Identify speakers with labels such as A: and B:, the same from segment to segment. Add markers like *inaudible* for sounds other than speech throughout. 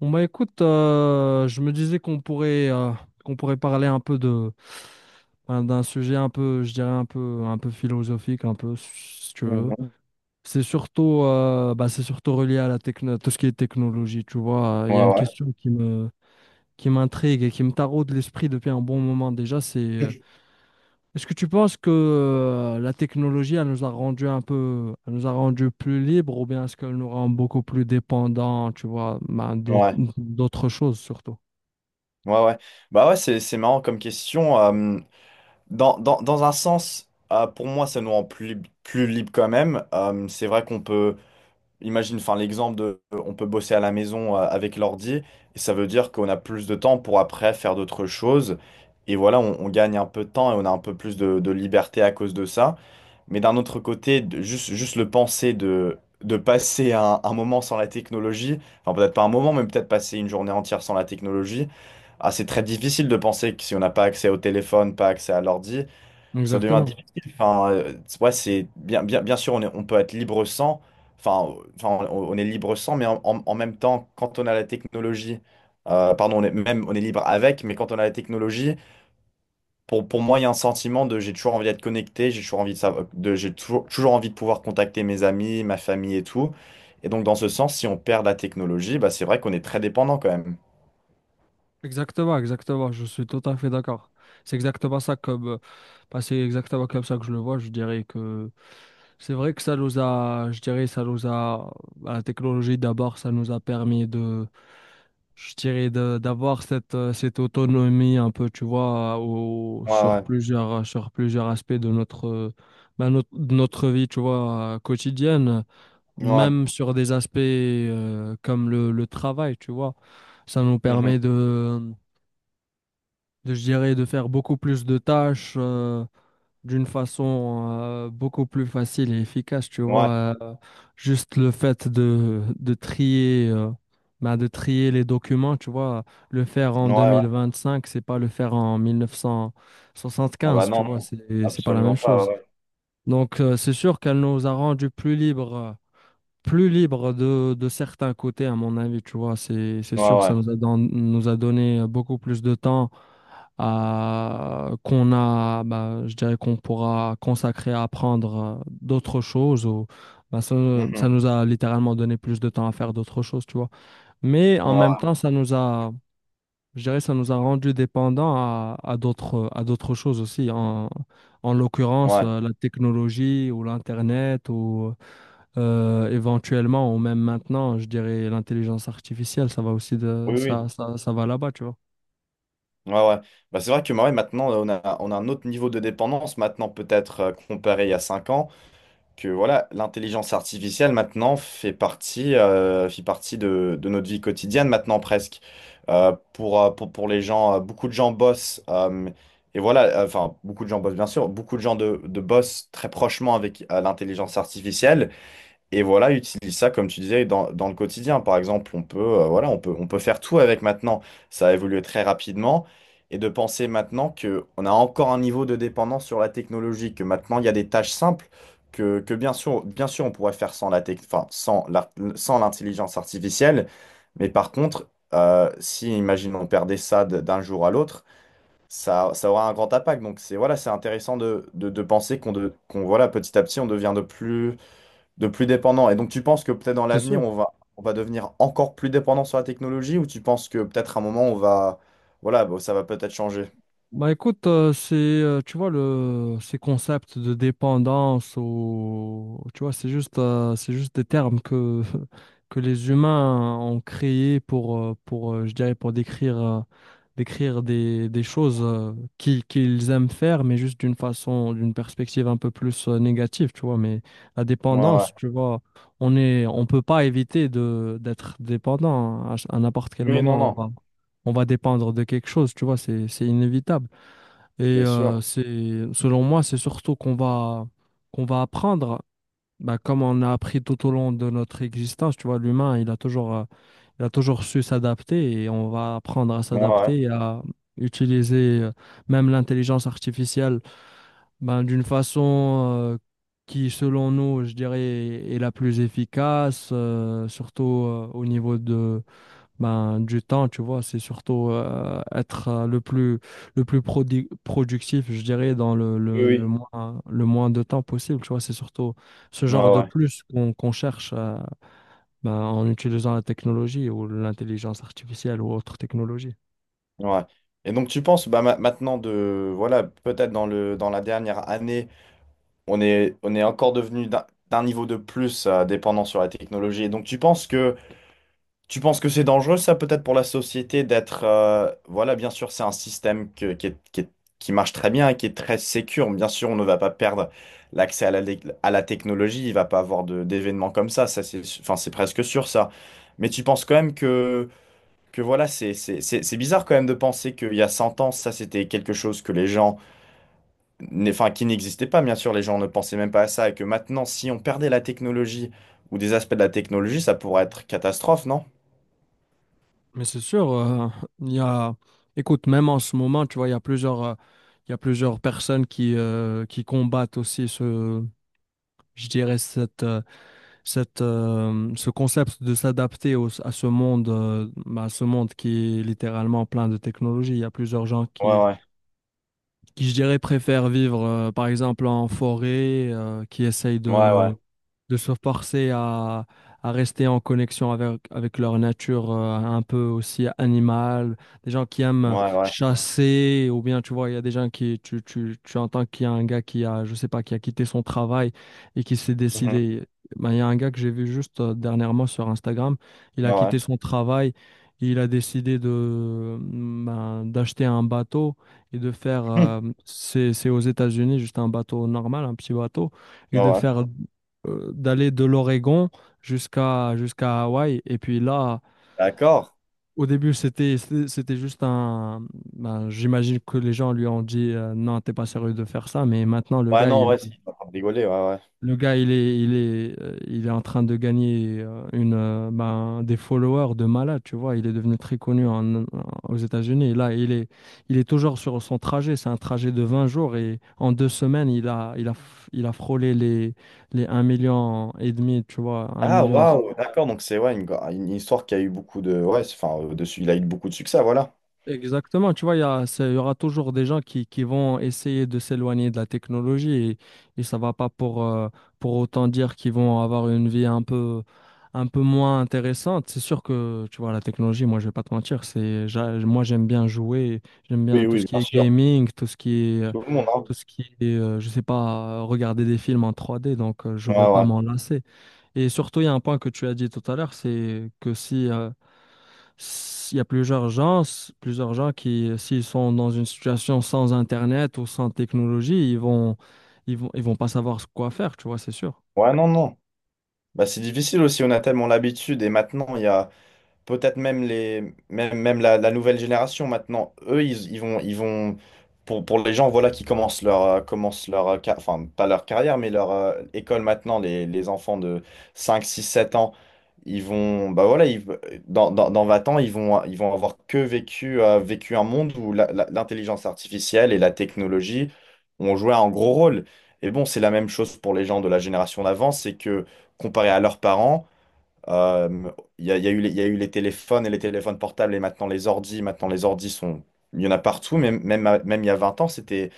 A: Bon bah écoute, je me disais qu'on pourrait parler un peu de enfin, d'un sujet un peu, je dirais un peu philosophique, un peu si tu veux.
B: Mhm.
A: C'est surtout bah, c'est surtout relié à la techno, tout ce qui est technologie, tu vois. Il y a
B: Ouais,
A: une
B: ouais,
A: question qui m'intrigue et qui me taraude l'esprit depuis un bon moment déjà. C'est est-ce que tu penses que la technologie elle nous a rendu un peu, elle nous a rendu plus libres ou bien est-ce qu'elle nous rend beaucoup plus dépendants, tu vois, bah,
B: ouais,
A: d'autres choses surtout?
B: ouais, ouais. Bah ouais, c'est marrant comme question. Dans un sens, pour moi, ça nous rend plus libre quand même. C'est vrai qu'on peut, imagine, enfin, l'exemple de, on peut bosser à la maison avec l'ordi, et ça veut dire qu'on a plus de temps pour après faire d'autres choses. Et voilà, on gagne un peu de temps et on a un peu plus de liberté à cause de ça. Mais d'un autre côté, juste le penser de passer un moment sans la technologie, enfin peut-être pas un moment, mais peut-être passer une journée entière sans la technologie, ah, c'est très difficile de penser que si on n'a pas accès au téléphone, pas accès à l'ordi, ça devient
A: Exactement.
B: difficile. Enfin, ouais, c'est bien, bien, bien sûr, on peut être libre sans, enfin, on est libre sans, mais en même temps, quand on a la technologie, pardon, même on est libre avec, mais quand on a la technologie, pour moi, il y a un sentiment de j'ai toujours envie d'être connecté, j'ai toujours envie de savoir, j'ai toujours envie de pouvoir contacter mes amis, ma famille et tout. Et donc, dans ce sens, si on perd la technologie, bah, c'est vrai qu'on est très dépendant quand même.
A: Exactement, exactement. Je suis tout à fait d'accord. C'est exactement ça comme, bah, c'est exactement comme ça que je le vois. Je dirais que c'est vrai que ça nous a, je dirais, ça nous a, bah, la technologie d'abord, ça nous a permis de, je dirais, d'avoir cette, cette autonomie un peu, tu vois,
B: Ouais, ouais,
A: sur plusieurs aspects de notre, bah, de notre vie, tu vois, quotidienne.
B: ouais,
A: Même sur des aspects comme le travail, tu vois. Ça nous
B: mhm,
A: permet de, je dirais, de faire beaucoup plus de tâches d'une façon beaucoup plus facile et efficace, tu
B: ouais,
A: vois. Euh, juste le fait de trier, bah, de trier les documents, tu vois. Le faire en
B: ouais, ouais.
A: 2025, c'est pas le faire en
B: Ah bah
A: 1975, tu
B: non,
A: vois.
B: non,
A: C'est pas la même
B: absolument pas,
A: chose.
B: ouais,
A: Donc, c'est sûr qu'elle nous a rendus plus libres. Plus libre de certains côtés, à mon avis, tu vois, c'est
B: ouais,
A: sûr, ça
B: ouais,
A: nous a, nous a donné beaucoup plus de temps à, qu'on a, bah, je dirais qu'on pourra consacrer à apprendre d'autres choses ou bah, ça,
B: mhm,
A: ça nous a littéralement donné plus de temps à faire d'autres choses, tu vois. Mais en même
B: ouais,
A: temps, ça nous a, je dirais, ça nous a rendu dépendants à d'autres choses aussi, en, en l'occurrence,
B: ouais,
A: la technologie ou l'Internet ou éventuellement, ou même maintenant, je dirais l'intelligence artificielle, ça va aussi de
B: oui, oui,
A: ça, ça, ça va là-bas, tu vois.
B: ouais, ouais. Bah, c'est vrai que ouais, maintenant, on a un autre niveau de dépendance maintenant, peut-être comparé il y a 5 ans. Que voilà, l'intelligence artificielle maintenant fait partie de notre vie quotidienne maintenant presque. Pour les gens, beaucoup de gens bossent, enfin beaucoup de gens bossent bien sûr, beaucoup de gens de bossent très prochement avec l'intelligence artificielle. Et voilà, utilise ça, comme tu disais, dans le quotidien. Par exemple, voilà, on peut faire tout avec maintenant. Ça a évolué très rapidement. Et de penser maintenant qu'on a encore un niveau de dépendance sur la technologie, que maintenant il y a des tâches simples, que bien sûr, on pourrait faire sans la tech- enfin, sans l'intelligence artificielle. Mais par contre, si, imaginons, on perdait ça d'un jour à l'autre, ça aura un grand impact. Donc c'est voilà, c'est intéressant de penser qu'on, voilà, petit à petit, on devient de plus dépendant. Et donc, tu penses que peut-être dans
A: C'est
B: l'avenir,
A: sûr.
B: on va devenir encore plus dépendant sur la technologie ou tu penses que peut-être à un moment, on va. Voilà, bah, ça va peut-être changer.
A: Bah écoute, c'est tu vois le ces concepts de dépendance ou tu vois c'est juste des termes que *laughs* que les humains ont créés pour je dirais pour décrire décrire des choses qu'ils qu'ils aiment faire mais juste d'une façon d'une perspective un peu plus négative, tu vois, mais la
B: Ouais, ouais.
A: dépendance, tu vois, on est on peut pas éviter de d'être dépendant à, à n'importe quel
B: Oui, non,
A: moment
B: non,
A: on va dépendre de quelque chose, tu vois, c'est inévitable et
B: c'est sûr.
A: c'est, selon moi, c'est surtout qu'on va apprendre, bah, comme on a appris tout au long de notre existence, tu vois, l'humain, il a toujours su s'adapter et on va apprendre à
B: Ouais, ouais.
A: s'adapter et à utiliser même l'intelligence artificielle ben, d'une façon qui, selon nous, je dirais, est la plus efficace, surtout au niveau ben, du temps, tu vois, c'est surtout être le plus productif, je dirais, dans le,
B: Oui, oui.
A: le moins de temps possible, tu vois, c'est surtout ce
B: Ouais,
A: genre de
B: ouais.
A: plus qu'on cherche ben, en utilisant la technologie ou l'intelligence artificielle ou autre technologie.
B: Ouais. Et donc, tu penses, bah, maintenant, voilà, peut-être dans la dernière année, on est encore devenu d'un niveau de plus dépendant sur la technologie. Et donc, tu penses que c'est dangereux, ça, peut-être pour la société d'être voilà, bien sûr, c'est un système qui marche très bien et qui est très sécure. Bien sûr, on ne va pas perdre l'accès à la technologie. Il va pas avoir d'événements comme ça. Ça, enfin, c'est presque sûr, ça. Mais tu penses quand même que voilà, c'est bizarre quand même de penser qu'il y a 100 ans, ça, c'était quelque chose que les gens enfin, qui n'existait pas, bien sûr. Les gens ne pensaient même pas à ça. Et que maintenant, si on perdait la technologie ou des aspects de la technologie, ça pourrait être catastrophe, non?
A: Mais c'est sûr, il y a, écoute, même en ce moment, tu vois, il y a plusieurs, il y a plusieurs personnes qui combattent aussi ce, je dirais, cette, cette, ce concept de s'adapter à ce monde, bah, ce monde qui est littéralement plein de technologies. Il y a plusieurs gens
B: Ouais,
A: qui,
B: ouais.
A: je dirais, préfèrent vivre, par exemple, en forêt, qui essayent
B: Ouais, ouais.
A: de se forcer à rester en connexion avec, avec leur nature, un peu aussi animale. Des gens qui aiment
B: Ouais, ouais.
A: chasser, ou bien, tu vois, il y a des gens qui, tu entends qu'il y a un gars qui a, je sais pas, qui a quitté son travail et qui s'est
B: Mhm.
A: décidé. Ben, il y a un gars que j'ai vu juste dernièrement sur Instagram, il
B: Ouais,
A: a
B: ouais.
A: quitté son travail, il a décidé de, ben, d'acheter un bateau et de faire,
B: *laughs*
A: c'est aux États-Unis, juste un bateau normal, un petit bateau, et
B: Hum.
A: de
B: Ouais, ouais.
A: faire, d'aller de l'Oregon jusqu'à Hawaï. Et puis là,
B: D'accord.
A: au début, c'était, c'était c'était juste un, ben, j'imagine que les gens lui ont dit, non, t'es pas sérieux de faire ça, mais maintenant,
B: Ouais, non, ouais, c'est pas pour rigoler, ouais, ouais.
A: le gars, il est, il est, il est en train de gagner ben, des followers de malade, tu vois. Il est devenu très connu aux États-Unis. Et là, il est toujours sur son trajet. C'est un trajet de 20 jours et en 2 semaines, il a, il a frôlé les 1,5 million, tu vois, un
B: Ah,
A: million
B: waouh, d'accord. Donc, c'est ouais, une histoire qui a eu beaucoup de. Ouais, enfin, il a eu beaucoup de succès, voilà.
A: Exactement, tu vois, il y aura toujours des gens qui vont essayer de s'éloigner de la technologie et ça va pas pour, pour autant dire qu'ils vont avoir une vie un peu moins intéressante. C'est sûr que, tu vois, la technologie, moi, je vais pas te mentir, c'est, moi, j'aime bien jouer, j'aime bien
B: Oui,
A: tout ce
B: oui,
A: qui
B: bien
A: est
B: sûr.
A: gaming, tout ce qui est,
B: Tout le monde, hein.
A: tout ce qui est, je sais pas, regarder des films en 3D, donc je
B: Ouais,
A: vais pas
B: ouais.
A: m'en lasser. Et surtout, il y a un point que tu as dit tout à l'heure, c'est que si il y a plusieurs gens, plusieurs gens qui, s'ils sont dans une situation sans Internet ou sans technologie, ils vont, ils vont pas savoir quoi faire, tu vois, c'est sûr.
B: Ouais, non, non. Bah, c'est difficile aussi, on a tellement l'habitude. Et maintenant, il y a. Peut-être même même la nouvelle génération maintenant eux ils vont pour les gens voilà qui commencent leur enfin pas leur carrière mais leur école maintenant, les enfants de 5, 6, 7 ans ils vont bah voilà, dans 20 ans ils vont avoir que vécu un monde où l'intelligence artificielle et la technologie ont joué un gros rôle, et bon c'est la même chose pour les gens de la génération d'avant, c'est que comparé à leurs parents. euh, il y a eu les téléphones et les téléphones portables et maintenant les ordis. Maintenant, les ordis sont. Il y en a partout, même il y a 20 ans, c'était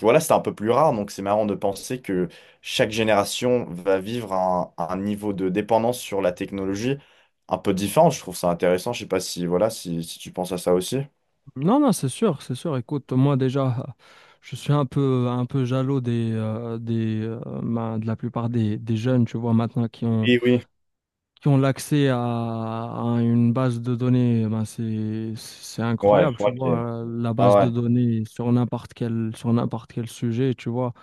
B: un peu plus rare. Donc, c'est marrant de penser que chaque génération va vivre un niveau de dépendance sur la technologie un peu différent. Je trouve ça intéressant. Je sais pas si, voilà, si tu penses à ça aussi.
A: Non, non, c'est sûr, c'est sûr. Écoute, moi déjà, je suis un peu jaloux des, ben, de la plupart des jeunes, tu vois, maintenant
B: Oui, oui.
A: qui ont l'accès à une base de données. Ben, c'est
B: Ouais, je
A: incroyable, tu
B: crois que.
A: vois, la
B: Ah
A: base de
B: ouais.
A: données sur n'importe quel sujet, tu vois.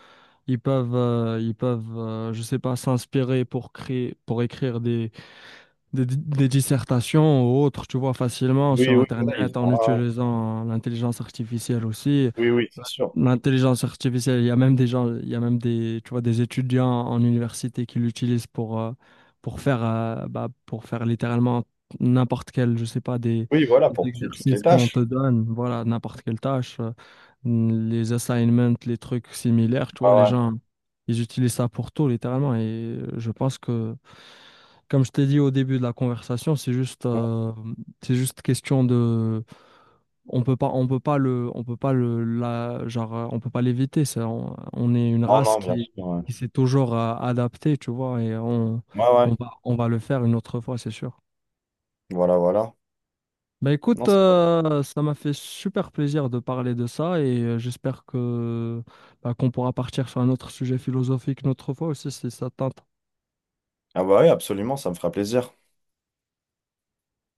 A: Ils peuvent, je sais pas, s'inspirer pour créer, pour écrire des, des dissertations ou autres, tu vois, facilement
B: Oui,
A: sur
B: oui, voilà,
A: Internet en
B: ah ouais.
A: utilisant l'intelligence artificielle aussi.
B: Oui, oui, c'est sûr.
A: L'intelligence artificielle, il y a même des gens, il y a même des, tu vois, des étudiants en université qui l'utilisent pour faire, bah, pour faire littéralement n'importe quel, je sais pas,
B: Oui, voilà,
A: des
B: pour toutes les
A: exercices qu'on
B: tâches.
A: te donne, voilà, n'importe quelle tâche. Les assignments, les trucs similaires, tu vois,
B: Ah
A: les
B: ouais.
A: gens, ils utilisent ça pour tout, littéralement. Et je pense que, comme je t'ai dit au début de la conversation, c'est juste question de, on peut pas on peut pas genre, on peut pas l'éviter. On est une
B: Non,
A: race
B: non, bien sûr. Ouais,
A: qui s'est toujours adaptée, tu vois, et on,
B: ouais. Ouais.
A: on va le faire une autre fois, c'est sûr.
B: Voilà, voilà.
A: Bah écoute,
B: Non, c'est vrai.
A: ça m'a fait super plaisir de parler de ça et j'espère que bah, qu'on pourra partir sur un autre sujet philosophique une autre fois aussi si ça t'intéresse.
B: Ah bah oui, absolument, ça me fera plaisir.